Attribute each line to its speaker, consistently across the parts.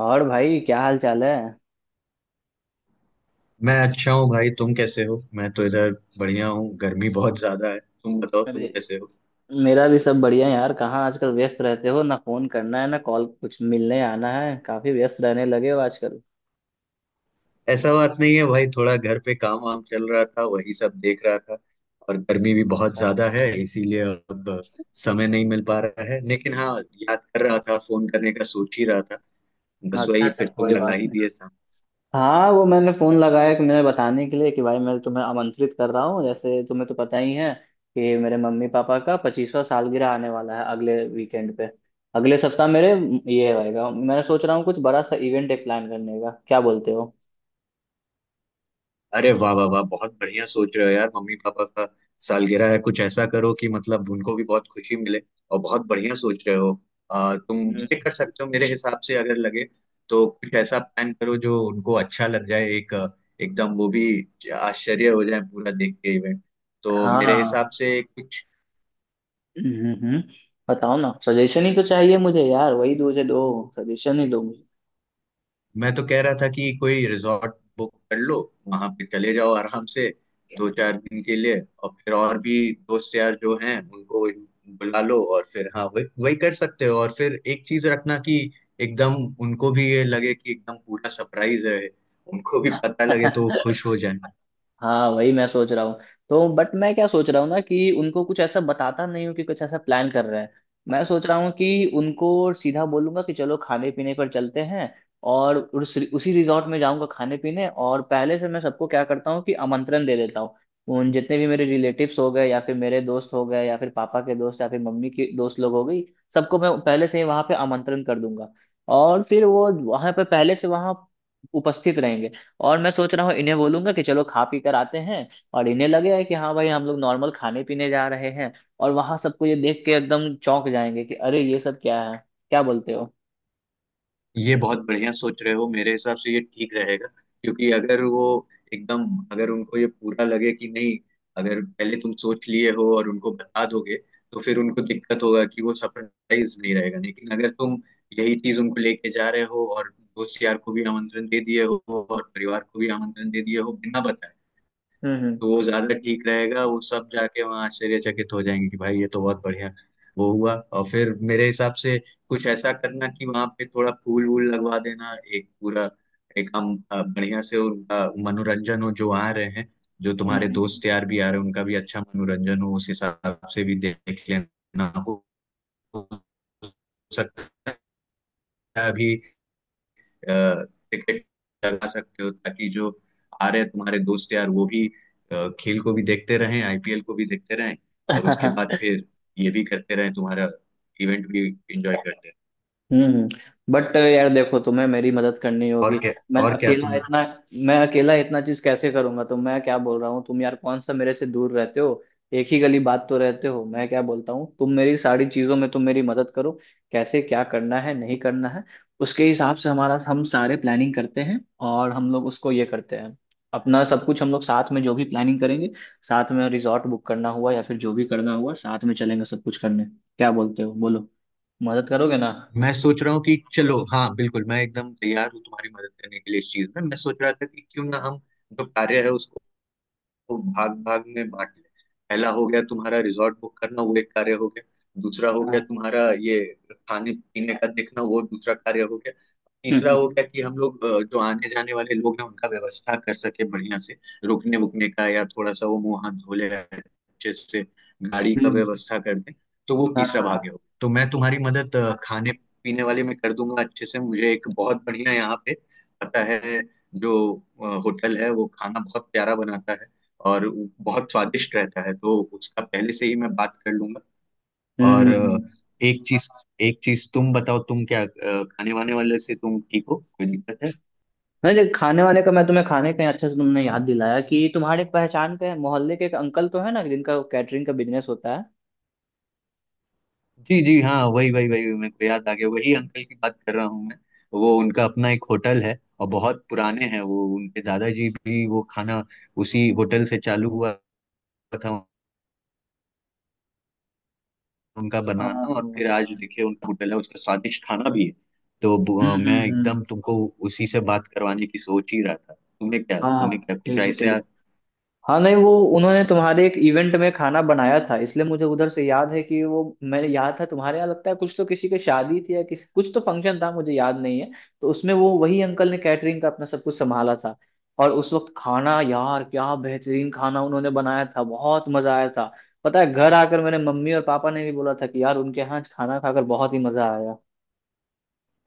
Speaker 1: और भाई क्या हाल चाल है?
Speaker 2: मैं अच्छा हूँ भाई। तुम कैसे हो? मैं तो इधर बढ़िया हूँ। गर्मी बहुत ज्यादा है। तुम बताओ तुम
Speaker 1: अरे,
Speaker 2: कैसे हो?
Speaker 1: मेरा भी सब बढ़िया है यार। कहाँ आजकल व्यस्त रहते हो? ना फोन करना, है ना कॉल, कुछ मिलने आना। है काफी व्यस्त रहने लगे हो आजकल।
Speaker 2: ऐसा बात नहीं है भाई, थोड़ा घर पे काम वाम चल रहा था, वही सब देख रहा था। और गर्मी भी बहुत
Speaker 1: अच्छा
Speaker 2: ज्यादा है, इसीलिए अब समय नहीं मिल पा रहा है। लेकिन हाँ, याद कर रहा था, फोन करने का सोच ही रहा था। बस
Speaker 1: अच्छा
Speaker 2: वही,
Speaker 1: अच्छा,
Speaker 2: फिर तुम
Speaker 1: कोई
Speaker 2: लगा
Speaker 1: बात
Speaker 2: ही
Speaker 1: नहीं।
Speaker 2: दिए।
Speaker 1: हाँ वो मैंने फोन लगाया कि मैंने बताने के लिए कि भाई मैं तुम्हें आमंत्रित कर रहा हूँ, जैसे तुम्हें तो पता ही है कि मेरे मम्मी पापा का 25वां सालगिरह आने वाला है अगले वीकेंड पे, अगले सप्ताह। मेरे ये होएगा, मैं सोच रहा हूँ कुछ बड़ा सा इवेंट एक प्लान करने का, क्या बोलते हो?
Speaker 2: अरे वाह वाह वाह, बहुत बढ़िया सोच रहे हो यार। मम्मी पापा का सालगिरह है, कुछ ऐसा करो कि मतलब उनको भी बहुत खुशी मिले। और बहुत बढ़िया सोच रहे हो। तुम
Speaker 1: हम्म,
Speaker 2: ये कर सकते हो मेरे हिसाब से, अगर लगे तो कुछ ऐसा प्लान करो जो उनको अच्छा लग जाए। एक एकदम वो भी आश्चर्य हो जाए पूरा देख के इवेंट। तो मेरे हिसाब
Speaker 1: हाँ।
Speaker 2: से कुछ,
Speaker 1: हम्म। बताओ ना, सजेशन ही तो चाहिए मुझे यार। वही दो से दो सजेशन ही दो मुझे।
Speaker 2: मैं तो कह रहा था कि कोई रिजॉर्ट बुक कर लो, वहां पे चले जाओ आराम से दो चार दिन के लिए। और फिर और भी दोस्त यार जो हैं उनको बुला लो। और फिर हाँ, वही वही कर सकते हो। और फिर एक चीज रखना कि एकदम उनको भी ये लगे कि एकदम पूरा सरप्राइज रहे। उनको भी पता लगे तो वो खुश हो जाए।
Speaker 1: हाँ वही मैं सोच रहा हूँ। तो बट मैं क्या सोच रहा हूँ ना, कि उनको कुछ ऐसा बताता नहीं हूँ कि कुछ ऐसा प्लान कर रहे हैं। मैं सोच रहा हूँ कि उनको सीधा बोलूंगा कि चलो खाने पीने पर चलते हैं, और उसी रिजॉर्ट में जाऊंगा खाने पीने, और पहले से मैं सबको क्या करता हूँ कि आमंत्रण दे देता हूँ उन जितने भी मेरे रिलेटिव्स हो गए, या फिर मेरे दोस्त हो गए, या फिर पापा के दोस्त, या फिर मम्मी के दोस्त लोग हो गई, सबको मैं पहले से ही वहां पे आमंत्रण कर दूंगा। और फिर वो वहां पे पहले से वहां उपस्थित रहेंगे। और मैं सोच रहा हूँ इन्हें बोलूंगा कि चलो खा पी कर आते हैं, और इन्हें लगेगा कि हाँ भाई हम लोग नॉर्मल खाने पीने जा रहे हैं, और वहां सबको ये देख के एकदम चौंक जाएंगे कि अरे ये सब क्या है। क्या बोलते हो?
Speaker 2: ये बहुत बढ़िया सोच रहे हो, मेरे हिसाब से ये ठीक रहेगा। क्योंकि अगर वो एकदम, अगर उनको ये पूरा लगे कि नहीं, अगर पहले तुम सोच लिए हो और उनको बता दोगे तो फिर उनको दिक्कत होगा कि वो सरप्राइज नहीं रहेगा। लेकिन अगर तुम यही चीज उनको लेके जा रहे हो, और दोस्त यार को भी आमंत्रण दे दिए हो और परिवार को भी आमंत्रण दे दिए हो बिना बताए,
Speaker 1: हम्म
Speaker 2: तो
Speaker 1: हम्म
Speaker 2: वो ज्यादा ठीक रहेगा। वो सब जाके वहाँ आश्चर्यचकित हो जाएंगे कि भाई ये तो बहुत बढ़िया वो हुआ। और फिर मेरे हिसाब से कुछ ऐसा करना कि वहाँ पे थोड़ा फूल वूल लगवा देना। एक पूरा, एक हम बढ़िया से उनका मनोरंजन हो जो आ रहे हैं। जो
Speaker 1: हम्म
Speaker 2: तुम्हारे
Speaker 1: हम्म,
Speaker 2: दोस्त यार भी आ रहे हैं उनका भी अच्छा मनोरंजन हो, उस हिसाब से भी देख लेना। हो सकता है अभी टिकट लगा सकते हो, ताकि जो आ रहे हैं तुम्हारे दोस्त यार वो भी खेल को भी देखते रहें, आईपीएल को भी देखते रहें और उसके बाद
Speaker 1: हम्म।
Speaker 2: फिर ये भी करते रहें, तुम्हारा इवेंट भी एंजॉय करते रहें।
Speaker 1: हम्म बट यार देखो, तुम्हें मेरी मदद करनी
Speaker 2: और
Speaker 1: होगी।
Speaker 2: क्या
Speaker 1: मैं
Speaker 2: और क्या
Speaker 1: अकेला
Speaker 2: तुम,
Speaker 1: इतना मैं अकेला इतना चीज कैसे करूंगा? तो मैं क्या बोल रहा हूँ, तुम यार कौन सा मेरे से दूर रहते हो, एक ही गली बात तो रहते हो। मैं क्या बोलता हूँ, तुम मेरी सारी चीजों में तुम मेरी मदद करो। कैसे क्या करना है, नहीं करना है, उसके हिसाब से हमारा हम सारे प्लानिंग करते हैं, और हम लोग उसको ये करते हैं। अपना सब कुछ हम लोग साथ में जो भी प्लानिंग करेंगे, साथ में रिजॉर्ट बुक करना हुआ या फिर जो भी करना हुआ, साथ में चलेंगे सब कुछ करने। क्या बोलते हो, बोलो, मदद करोगे ना?
Speaker 2: मैं सोच रहा हूँ कि चलो हाँ, बिल्कुल मैं एकदम तैयार हूँ तुम्हारी मदद करने के लिए। इस चीज में मैं सोच रहा था कि क्यों ना हम जो कार्य है उसको को भाग भाग में बांट ले पहला हो गया तुम्हारा रिजॉर्ट बुक करना, वो एक कार्य हो गया। दूसरा हो गया तुम्हारा ये खाने पीने का देखना, वो दूसरा कार्य हो गया। तीसरा हो
Speaker 1: हम्म,
Speaker 2: गया कि हम लोग जो आने जाने वाले लोग हैं उनका व्यवस्था कर सके बढ़िया से, रुकने वुकने का, या थोड़ा सा वो मुंह हाथ धो ले अच्छे से, गाड़ी का
Speaker 1: हम्म,
Speaker 2: व्यवस्था कर दें। तो वो
Speaker 1: हाँ
Speaker 2: तीसरा
Speaker 1: हाँ हाँ।
Speaker 2: भाग हो। तो मैं तुम्हारी मदद खाने पीने वाले में कर दूंगा अच्छे से। मुझे एक बहुत बढ़िया यहाँ पे पता है, जो होटल है, वो खाना बहुत प्यारा बनाता है और वो बहुत स्वादिष्ट रहता है। तो उसका पहले से ही मैं बात कर लूंगा।
Speaker 1: हम्म
Speaker 2: और
Speaker 1: हम्म। हम्म।
Speaker 2: एक चीज, एक चीज तुम बताओ, तुम क्या खाने वाने वाले से तुम ठीक हो, कोई दिक्कत है?
Speaker 1: नहीं देख, खाने वाने का मैं तुम्हें, खाने का अच्छे से तुमने याद दिलाया कि तुम्हारे पहचान के, मोहल्ले के एक अंकल तो है ना, जिनका कैटरिंग का बिजनेस होता है।
Speaker 2: जी जी हाँ, वही वही वही, मेरे को याद आ गया, वही अंकल की बात कर रहा हूँ मैं। वो उनका अपना एक होटल है और बहुत पुराने हैं। वो उनके दादाजी भी, वो खाना उसी होटल से चालू हुआ था उनका
Speaker 1: हाँ हाँ
Speaker 2: बनाना। और फिर आज
Speaker 1: हाँ।
Speaker 2: देखिए उनका होटल है, उसका स्वादिष्ट खाना भी है। तो
Speaker 1: हम्म
Speaker 2: मैं
Speaker 1: हम्म हम्म।
Speaker 2: एकदम तुमको उसी से बात करवाने की सोच ही रहा था। तुमने क्या
Speaker 1: हाँ हाँ,
Speaker 2: तुमने क्या कुछ
Speaker 1: ठीक है
Speaker 2: ऐसे?
Speaker 1: ठीक है। हाँ नहीं वो, उन्होंने तुम्हारे एक इवेंट में खाना बनाया था, इसलिए मुझे उधर से याद है कि वो मैंने याद था तुम्हारे यहाँ, लगता है कुछ तो किसी की शादी थी या किसी कुछ तो फंक्शन था, मुझे याद नहीं है। तो उसमें वो वही अंकल ने कैटरिंग का अपना सब कुछ संभाला था। और उस वक्त खाना, यार क्या बेहतरीन खाना उन्होंने बनाया था, बहुत मजा आया था। पता है, घर आकर मेरे मम्मी और पापा ने भी बोला था कि यार उनके यहाँ आज खाना खाकर बहुत ही मजा आया।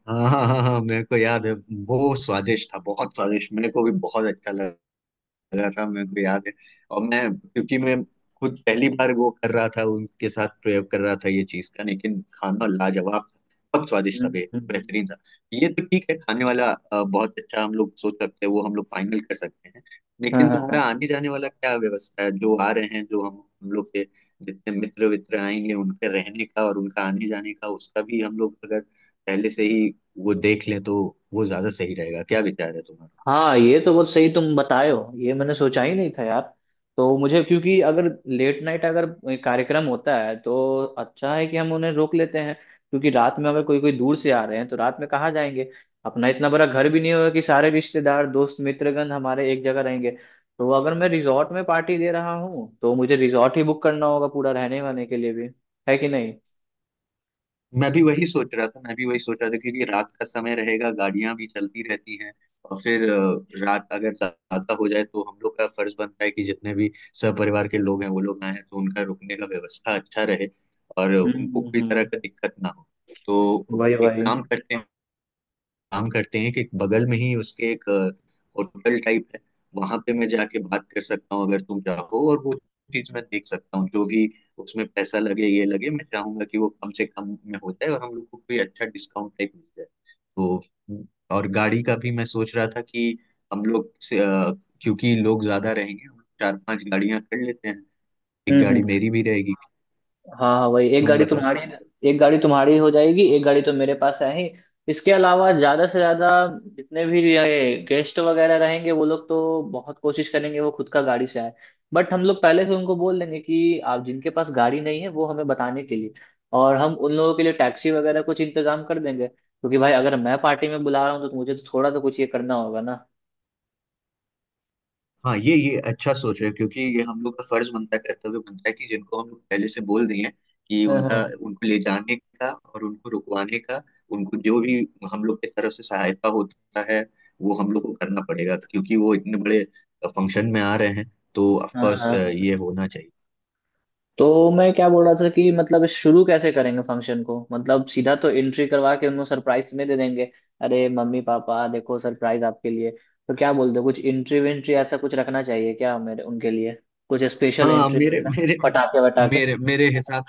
Speaker 2: हाँ हाँ हाँ हाँ, मेरे को याद है। वो स्वादिष्ट था, बहुत स्वादिष्ट, मेरे को भी बहुत अच्छा लगा, लगा था, मेरे को याद है। और मैं, क्योंकि मैं खुद पहली बार वो कर रहा था, उनके साथ प्रयोग कर रहा था ये चीज का, लेकिन खाना लाजवाब था, बहुत स्वादिष्ट था,
Speaker 1: हम्म हम्म।
Speaker 2: बेहतरीन था। ये तो ठीक है, खाने वाला बहुत अच्छा हम लोग सोच सकते हैं, वो हम लोग फाइनल कर सकते हैं।
Speaker 1: हाँ
Speaker 2: लेकिन तुम्हारा
Speaker 1: हाँ
Speaker 2: आने जाने वाला क्या व्यवस्था है? जो आ रहे हैं, जो हम लोग के जितने मित्र वित्र आएंगे, उनके रहने का और उनका आने जाने का, उसका भी हम लोग अगर पहले से ही वो देख लें तो वो ज्यादा सही रहेगा। क्या विचार है तुम्हारा?
Speaker 1: हाँ, ये तो बहुत सही तुम बताए हो, ये मैंने सोचा ही नहीं था यार। तो मुझे, क्योंकि अगर लेट नाइट अगर कार्यक्रम होता है, तो अच्छा है कि हम उन्हें रोक लेते हैं, क्योंकि रात में अगर कोई कोई दूर से आ रहे हैं, तो रात में कहाँ जाएंगे? अपना इतना बड़ा घर भी नहीं होगा कि सारे रिश्तेदार दोस्त मित्रगण हमारे एक जगह रहेंगे। तो अगर मैं रिजॉर्ट में पार्टी दे रहा हूँ, तो मुझे रिजॉर्ट ही बुक करना होगा पूरा, रहने वहने के लिए भी। है कि नहीं?
Speaker 2: मैं भी वही सोच रहा था मैं भी वही सोच रहा था, क्योंकि रात का समय रहेगा, गाड़ियां भी चलती रहती हैं। और फिर रात अगर ज्यादा हो जाए तो हम लोग का फर्ज बनता है कि जितने भी सपरिवार के लोग हैं, वो लोग आए हैं, तो उनका रुकने का व्यवस्था अच्छा रहे और
Speaker 1: हम्म
Speaker 2: उनको
Speaker 1: हम्म
Speaker 2: कोई तरह
Speaker 1: हम्म
Speaker 2: का दिक्कत ना हो। तो
Speaker 1: वही
Speaker 2: एक
Speaker 1: वही।
Speaker 2: काम करते हैं, कि बगल में ही उसके एक होटल टाइप है, वहां पे मैं जाके बात कर सकता हूँ अगर तुम चाहो। और वो चीज मैं देख सकता हूँ, जो भी उसमें पैसा लगे ये लगे, मैं चाहूंगा कि वो कम से कम में हो जाए और हम लोग को कोई अच्छा डिस्काउंट टाइप मिल जाए। तो, और गाड़ी का भी मैं सोच रहा था कि हम लोग से क्योंकि लोग ज्यादा रहेंगे, हम लोग चार पांच गाड़ियां कर लेते हैं। एक
Speaker 1: हम्म
Speaker 2: गाड़ी
Speaker 1: हम्म
Speaker 2: मेरी भी रहेगी,
Speaker 1: हाँ हाँ, वही एक
Speaker 2: तुम
Speaker 1: गाड़ी
Speaker 2: बताओ।
Speaker 1: तुम्हारी, एक गाड़ी तुम्हारी हो जाएगी, एक गाड़ी तो मेरे पास है ही। इसके अलावा ज्यादा से ज्यादा जितने भी ये गेस्ट वगैरह रहेंगे, वो लोग तो बहुत कोशिश करेंगे वो खुद का गाड़ी से आए। बट हम लोग पहले से उनको बोल देंगे कि आप जिनके पास गाड़ी नहीं है, वो हमें बताने के लिए, और हम उन लोगों के लिए टैक्सी वगैरह कुछ इंतजाम कर देंगे, क्योंकि भाई अगर मैं पार्टी में बुला रहा हूँ, तो मुझे तो थोड़ा तो कुछ ये करना होगा ना।
Speaker 2: हाँ, ये अच्छा सोच रहे हो, क्योंकि ये हम लोग का फर्ज बनता है, कर्तव्य बनता है कि जिनको हम लोग पहले से बोल दिए हैं, कि
Speaker 1: हाँ
Speaker 2: उनका,
Speaker 1: हाँ
Speaker 2: उनको ले जाने का और उनको रुकवाने का, उनको जो भी हम लोग की तरफ से सहायता होता है, वो हम लोग को करना पड़ेगा। क्योंकि वो इतने बड़े फंक्शन में आ रहे हैं, तो ऑफ
Speaker 1: हाँ
Speaker 2: कोर्स
Speaker 1: हाँ।
Speaker 2: ये होना चाहिए।
Speaker 1: तो मैं क्या बोल रहा था कि मतलब शुरू कैसे करेंगे फंक्शन को? मतलब सीधा तो एंट्री करवा के उनको सरप्राइज तो नहीं दे देंगे, अरे मम्मी पापा देखो सरप्राइज आपके लिए। तो क्या बोलते हो, कुछ एंट्री वेंट्री ऐसा कुछ रखना चाहिए क्या मेरे उनके लिए, कुछ स्पेशल
Speaker 2: हाँ,
Speaker 1: एंट्री
Speaker 2: मेरे
Speaker 1: वगैरह,
Speaker 2: मेरे
Speaker 1: पटाखे वटाखे?
Speaker 2: मेरे मेरे हिसाब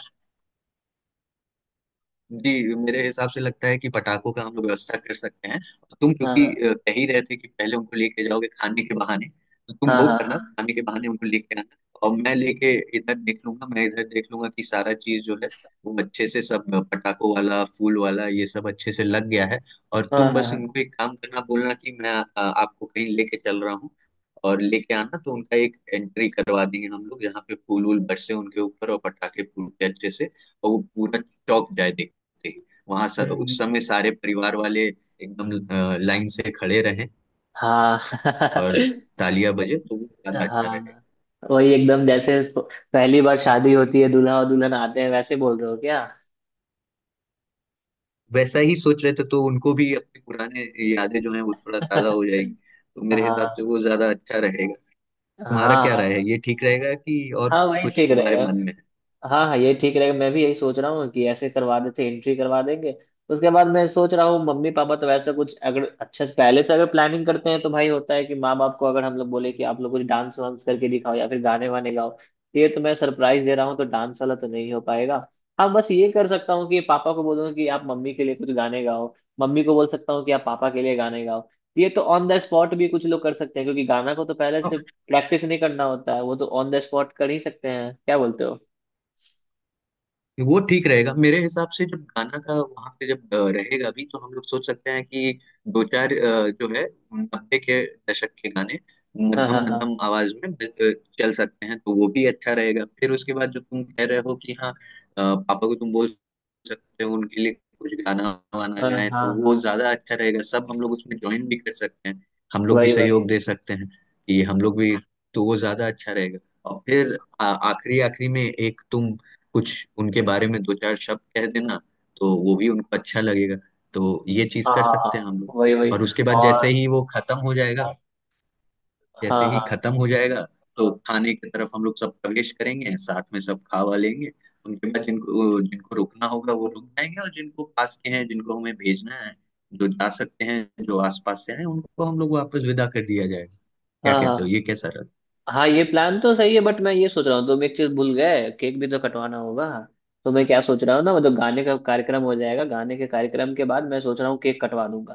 Speaker 2: जी मेरे हिसाब से लगता है कि पटाखों का हम लोग व्यवस्था कर सकते हैं। और तुम क्योंकि
Speaker 1: हाँ
Speaker 2: कह ही रहे थे कि पहले उनको लेके जाओगे खाने के बहाने, तो तुम
Speaker 1: हाँ
Speaker 2: वो
Speaker 1: हाँ
Speaker 2: करना, खाने के बहाने उनको लेके आना। और मैं लेके, इधर देख लूंगा मैं इधर देख लूंगा कि सारा चीज जो है वो अच्छे से सब पटाखों वाला फूल वाला ये सब अच्छे से लग गया है। और
Speaker 1: हाँ हाँ
Speaker 2: तुम
Speaker 1: हाँ
Speaker 2: बस
Speaker 1: हाँ हाँ।
Speaker 2: उनको एक काम करना, बोलना कि मैं आपको कहीं लेके चल रहा हूँ और लेके आना। तो उनका एक एंट्री करवा देंगे हम लोग, जहाँ पे फूल वूल बरसे उनके ऊपर और पटाखे फूटे अच्छे से। और वो पूरा चौक जाए देखते ही। वहां
Speaker 1: हम्म,
Speaker 2: उस
Speaker 1: हम्म।
Speaker 2: समय सारे परिवार वाले एकदम लाइन से खड़े रहें
Speaker 1: हाँ।
Speaker 2: और तालियां बजे तो वो ज्यादा अच्छा रहेगा।
Speaker 1: हाँ वही एकदम, जैसे पहली बार शादी होती है, दूल्हा और दुल्हन आते हैं, वैसे बोल रहे हो क्या?
Speaker 2: वैसा ही सोच रहे थे, तो उनको भी अपनी पुराने यादें जो हैं वो थोड़ा ताजा हो जाएगी। तो मेरे हिसाब से
Speaker 1: हाँ।
Speaker 2: वो ज्यादा अच्छा रहेगा। तुम्हारा क्या राय है,
Speaker 1: हाँ
Speaker 2: ये ठीक रहेगा कि और
Speaker 1: हाँ वही
Speaker 2: कुछ
Speaker 1: ठीक
Speaker 2: तुम्हारे
Speaker 1: रहेगा।
Speaker 2: मन में
Speaker 1: हाँ हाँ ये ठीक रहेगा, मैं भी यही सोच रहा हूँ कि ऐसे करवा देते, एंट्री करवा देंगे। उसके बाद मैं सोच रहा हूँ मम्मी पापा तो वैसे कुछ, अगर अच्छा पहले से अगर प्लानिंग करते हैं, तो भाई होता है कि माँ बाप को अगर हम लोग बोले कि आप लोग कुछ डांस वांस करके दिखाओ या फिर गाने वाने गाओ, तो ये तो मैं सरप्राइज दे रहा हूँ, तो डांस वाला तो नहीं हो पाएगा। हाँ, बस ये कर सकता हूँ कि पापा को बोलूँ कि आप मम्मी के लिए कुछ गाने गाओ, मम्मी को बोल सकता हूँ कि आप पापा के लिए गाने गाओ। तो ये तो ऑन द स्पॉट भी कुछ लोग कर सकते हैं, क्योंकि गाना को तो पहले से
Speaker 2: है?
Speaker 1: प्रैक्टिस नहीं करना होता है, वो तो ऑन द स्पॉट कर ही सकते हैं, क्या बोलते हो?
Speaker 2: वो ठीक रहेगा मेरे हिसाब से। जब गाना का वहां पे जब रहेगा भी, तो हम लोग सोच सकते हैं कि दो चार जो है नब्बे के दशक के गाने
Speaker 1: हाँ हाँ
Speaker 2: मध्यम
Speaker 1: हाँ
Speaker 2: मध्यम आवाज में चल सकते हैं, तो वो भी अच्छा रहेगा। फिर उसके बाद जो तुम कह रहे हो कि हाँ पापा को तुम बोल सकते हो उनके लिए कुछ गाना वाना
Speaker 1: हाँ हाँ
Speaker 2: गाएं,
Speaker 1: हाँ
Speaker 2: तो वो
Speaker 1: हाँ,
Speaker 2: ज्यादा अच्छा रहेगा। सब हम लोग उसमें ज्वाइन भी कर सकते हैं, हम लोग भी
Speaker 1: वही वही।
Speaker 2: सहयोग दे सकते हैं कि हम लोग भी, तो वो ज्यादा अच्छा रहेगा। और फिर आखिरी आखिरी में एक तुम कुछ उनके बारे में दो चार शब्द कह देना, तो वो भी उनको अच्छा लगेगा। तो ये चीज
Speaker 1: हाँ
Speaker 2: कर
Speaker 1: हाँ हाँ,
Speaker 2: सकते हैं हम लोग।
Speaker 1: वही वही
Speaker 2: और उसके बाद जैसे
Speaker 1: और।
Speaker 2: ही वो खत्म हो जाएगा, जैसे
Speaker 1: हाँ
Speaker 2: ही
Speaker 1: हाँ
Speaker 2: खत्म हो जाएगा तो खाने की तरफ हम लोग सब प्रवेश करेंगे, साथ में सब खा वा लेंगे। उनके बाद जिनको जिनको रुकना होगा वो रुक जाएंगे, और जिनको पास के हैं जिनको हमें भेजना है, जो जा सकते हैं, जो आसपास से हैं, उनको हम लोग वापस विदा कर दिया जाएगा। क्या
Speaker 1: हाँ
Speaker 2: कहते हो,
Speaker 1: हाँ,
Speaker 2: ये कैसा रहा?
Speaker 1: हाँ ये प्लान तो सही है, बट मैं ये सोच रहा हूँ तुम एक चीज भूल गए, केक भी तो कटवाना होगा। तो मैं क्या सोच रहा हूँ ना, मतलब गाने का कार्यक्रम हो जाएगा, गाने के कार्यक्रम के बाद मैं सोच रहा हूँ केक कटवा लूंगा।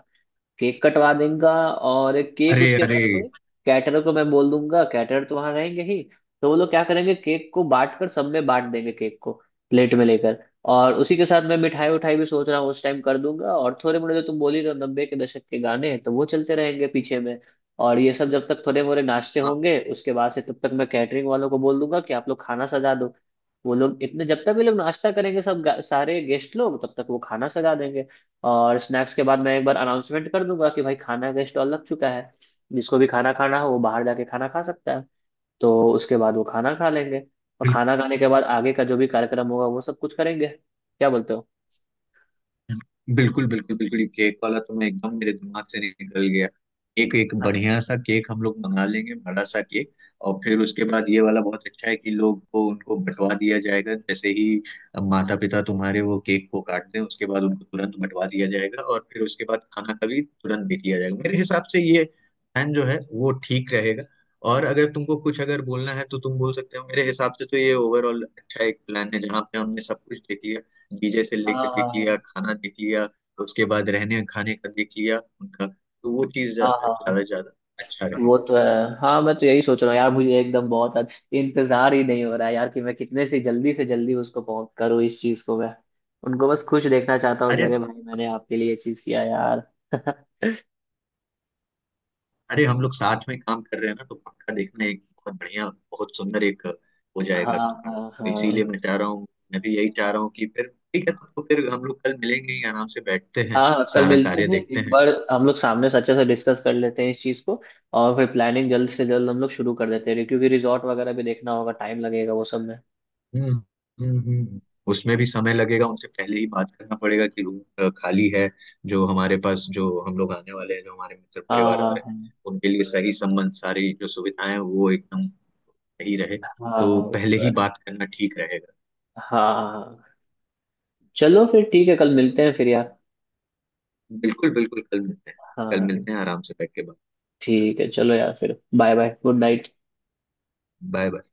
Speaker 1: केक कटवा देगा, और केक
Speaker 2: अरे
Speaker 1: उसके
Speaker 2: अरे
Speaker 1: बाद से कैटरर को मैं बोल दूंगा, कैटरर तो वहां रहेंगे ही। तो वो लोग क्या करेंगे, केक को बांट कर, सब में बांट देंगे केक को प्लेट में लेकर। और उसी के साथ मैं मिठाई उठाई भी सोच रहा हूँ उस टाइम कर दूंगा, और थोड़े मोड़े, जो तुम बोल ही रहे हो 90 के दशक के गाने, तो वो चलते रहेंगे पीछे में। और ये सब जब तक थोड़े मोड़े नाश्ते
Speaker 2: हाँ,
Speaker 1: होंगे, उसके बाद से तब तक मैं कैटरिंग वालों को बोल दूंगा कि आप लोग खाना सजा दो। वो लोग इतने, जब तक ये लोग नाश्ता करेंगे सब सारे गेस्ट लोग, तब तक वो खाना सजा देंगे। और स्नैक्स के बाद मैं एक बार अनाउंसमेंट कर दूंगा कि भाई खाना का स्टॉल लग चुका है, जिसको भी खाना खाना हो वो बाहर जाके खाना खा सकता है। तो उसके बाद वो खाना खा लेंगे, और खाना खाने के बाद आगे का जो भी कार्यक्रम होगा वो सब कुछ करेंगे, क्या बोलते हो?
Speaker 2: बिल्कुल बिल्कुल बिल्कुल, ये केक वाला तो मैं एकदम, मेरे दिमाग से निकल गया। एक एक
Speaker 1: हाँ
Speaker 2: बढ़िया सा केक हम लोग मंगा लेंगे, बड़ा सा केक। और फिर उसके बाद ये वाला बहुत अच्छा है कि लोग को, उनको बंटवा दिया जाएगा, जैसे ही माता पिता तुम्हारे वो केक को काट दें उसके बाद उनको तुरंत बंटवा दिया जाएगा। और फिर उसके बाद खाना का भी तुरंत दे दिया जाएगा। मेरे हिसाब से ये प्लान जो है वो ठीक रहेगा। और अगर तुमको कुछ अगर बोलना है तो तुम बोल सकते हो। मेरे हिसाब से तो ये ओवरऑल अच्छा एक प्लान है, जहाँ पे हमने सब कुछ देख लिया। डीजे से लेके देख
Speaker 1: हाँ
Speaker 2: लिया, खाना देख लिया, तो उसके बाद रहने खाने का देख लिया उनका, तो वो चीज
Speaker 1: हाँ हाँ हाँ,
Speaker 2: ज्यादा ज्यादा अच्छा रहे।
Speaker 1: वो तो है। हाँ मैं तो यही सोच रहा हूँ यार, मुझे एकदम बहुत इंतजार ही नहीं हो रहा है यार, कि मैं कितने से जल्दी उसको पहुंच करूँ इस चीज को मैं। उनको बस खुश देखना चाहता हूँ कि
Speaker 2: अरे
Speaker 1: अरे भाई मैंने आपके लिए ये चीज किया यार।
Speaker 2: अरे हम लोग साथ में काम कर रहे हैं ना, तो पक्का देखना, एक बहुत बढ़िया, बहुत सुंदर एक हो जाएगा
Speaker 1: हाँ
Speaker 2: तुम्हारा,
Speaker 1: हाँ
Speaker 2: तो
Speaker 1: हाँ
Speaker 2: इसीलिए मैं चाह रहा हूँ, मैं भी यही चाह रहा हूँ कि फिर, ठीक है तो फिर हम लोग कल मिलेंगे ही, आराम से बैठते हैं,
Speaker 1: हाँ। हाँ, कल
Speaker 2: सारा
Speaker 1: मिलते
Speaker 2: कार्य
Speaker 1: हैं
Speaker 2: देखते
Speaker 1: एक
Speaker 2: हैं।
Speaker 1: बार, हम लोग सामने से अच्छे से डिस्कस कर लेते हैं इस चीज़ को, और फिर प्लानिंग जल्द से जल्द हम लोग शुरू कर देते हैं, क्योंकि रिजॉर्ट वगैरह भी देखना होगा, टाइम लगेगा वो सब में।
Speaker 2: हम्म। हम्म। उसमें भी समय लगेगा, उनसे पहले ही बात करना पड़ेगा कि रूम खाली है, जो हमारे पास, जो हम लोग आने वाले हैं, जो हमारे मित्र
Speaker 1: हाँ
Speaker 2: परिवार आ रहे हैं,
Speaker 1: हाँ
Speaker 2: उनके लिए सही संबंध सारी जो सुविधाएं हैं, वो एकदम सही रहे।
Speaker 1: हाँ हाँ हाँ,
Speaker 2: तो
Speaker 1: वो
Speaker 2: पहले
Speaker 1: तो
Speaker 2: ही
Speaker 1: है।
Speaker 2: बात करना ठीक रहेगा।
Speaker 1: हाँ हाँ हाँ, चलो फिर ठीक है, कल मिलते हैं फिर यार।
Speaker 2: बिल्कुल बिल्कुल, कल मिलते हैं, कल
Speaker 1: हाँ
Speaker 2: मिलते हैं, आराम से बैठ के बात।
Speaker 1: ठीक है, चलो यार फिर, bye bye, good night.
Speaker 2: Bye bye.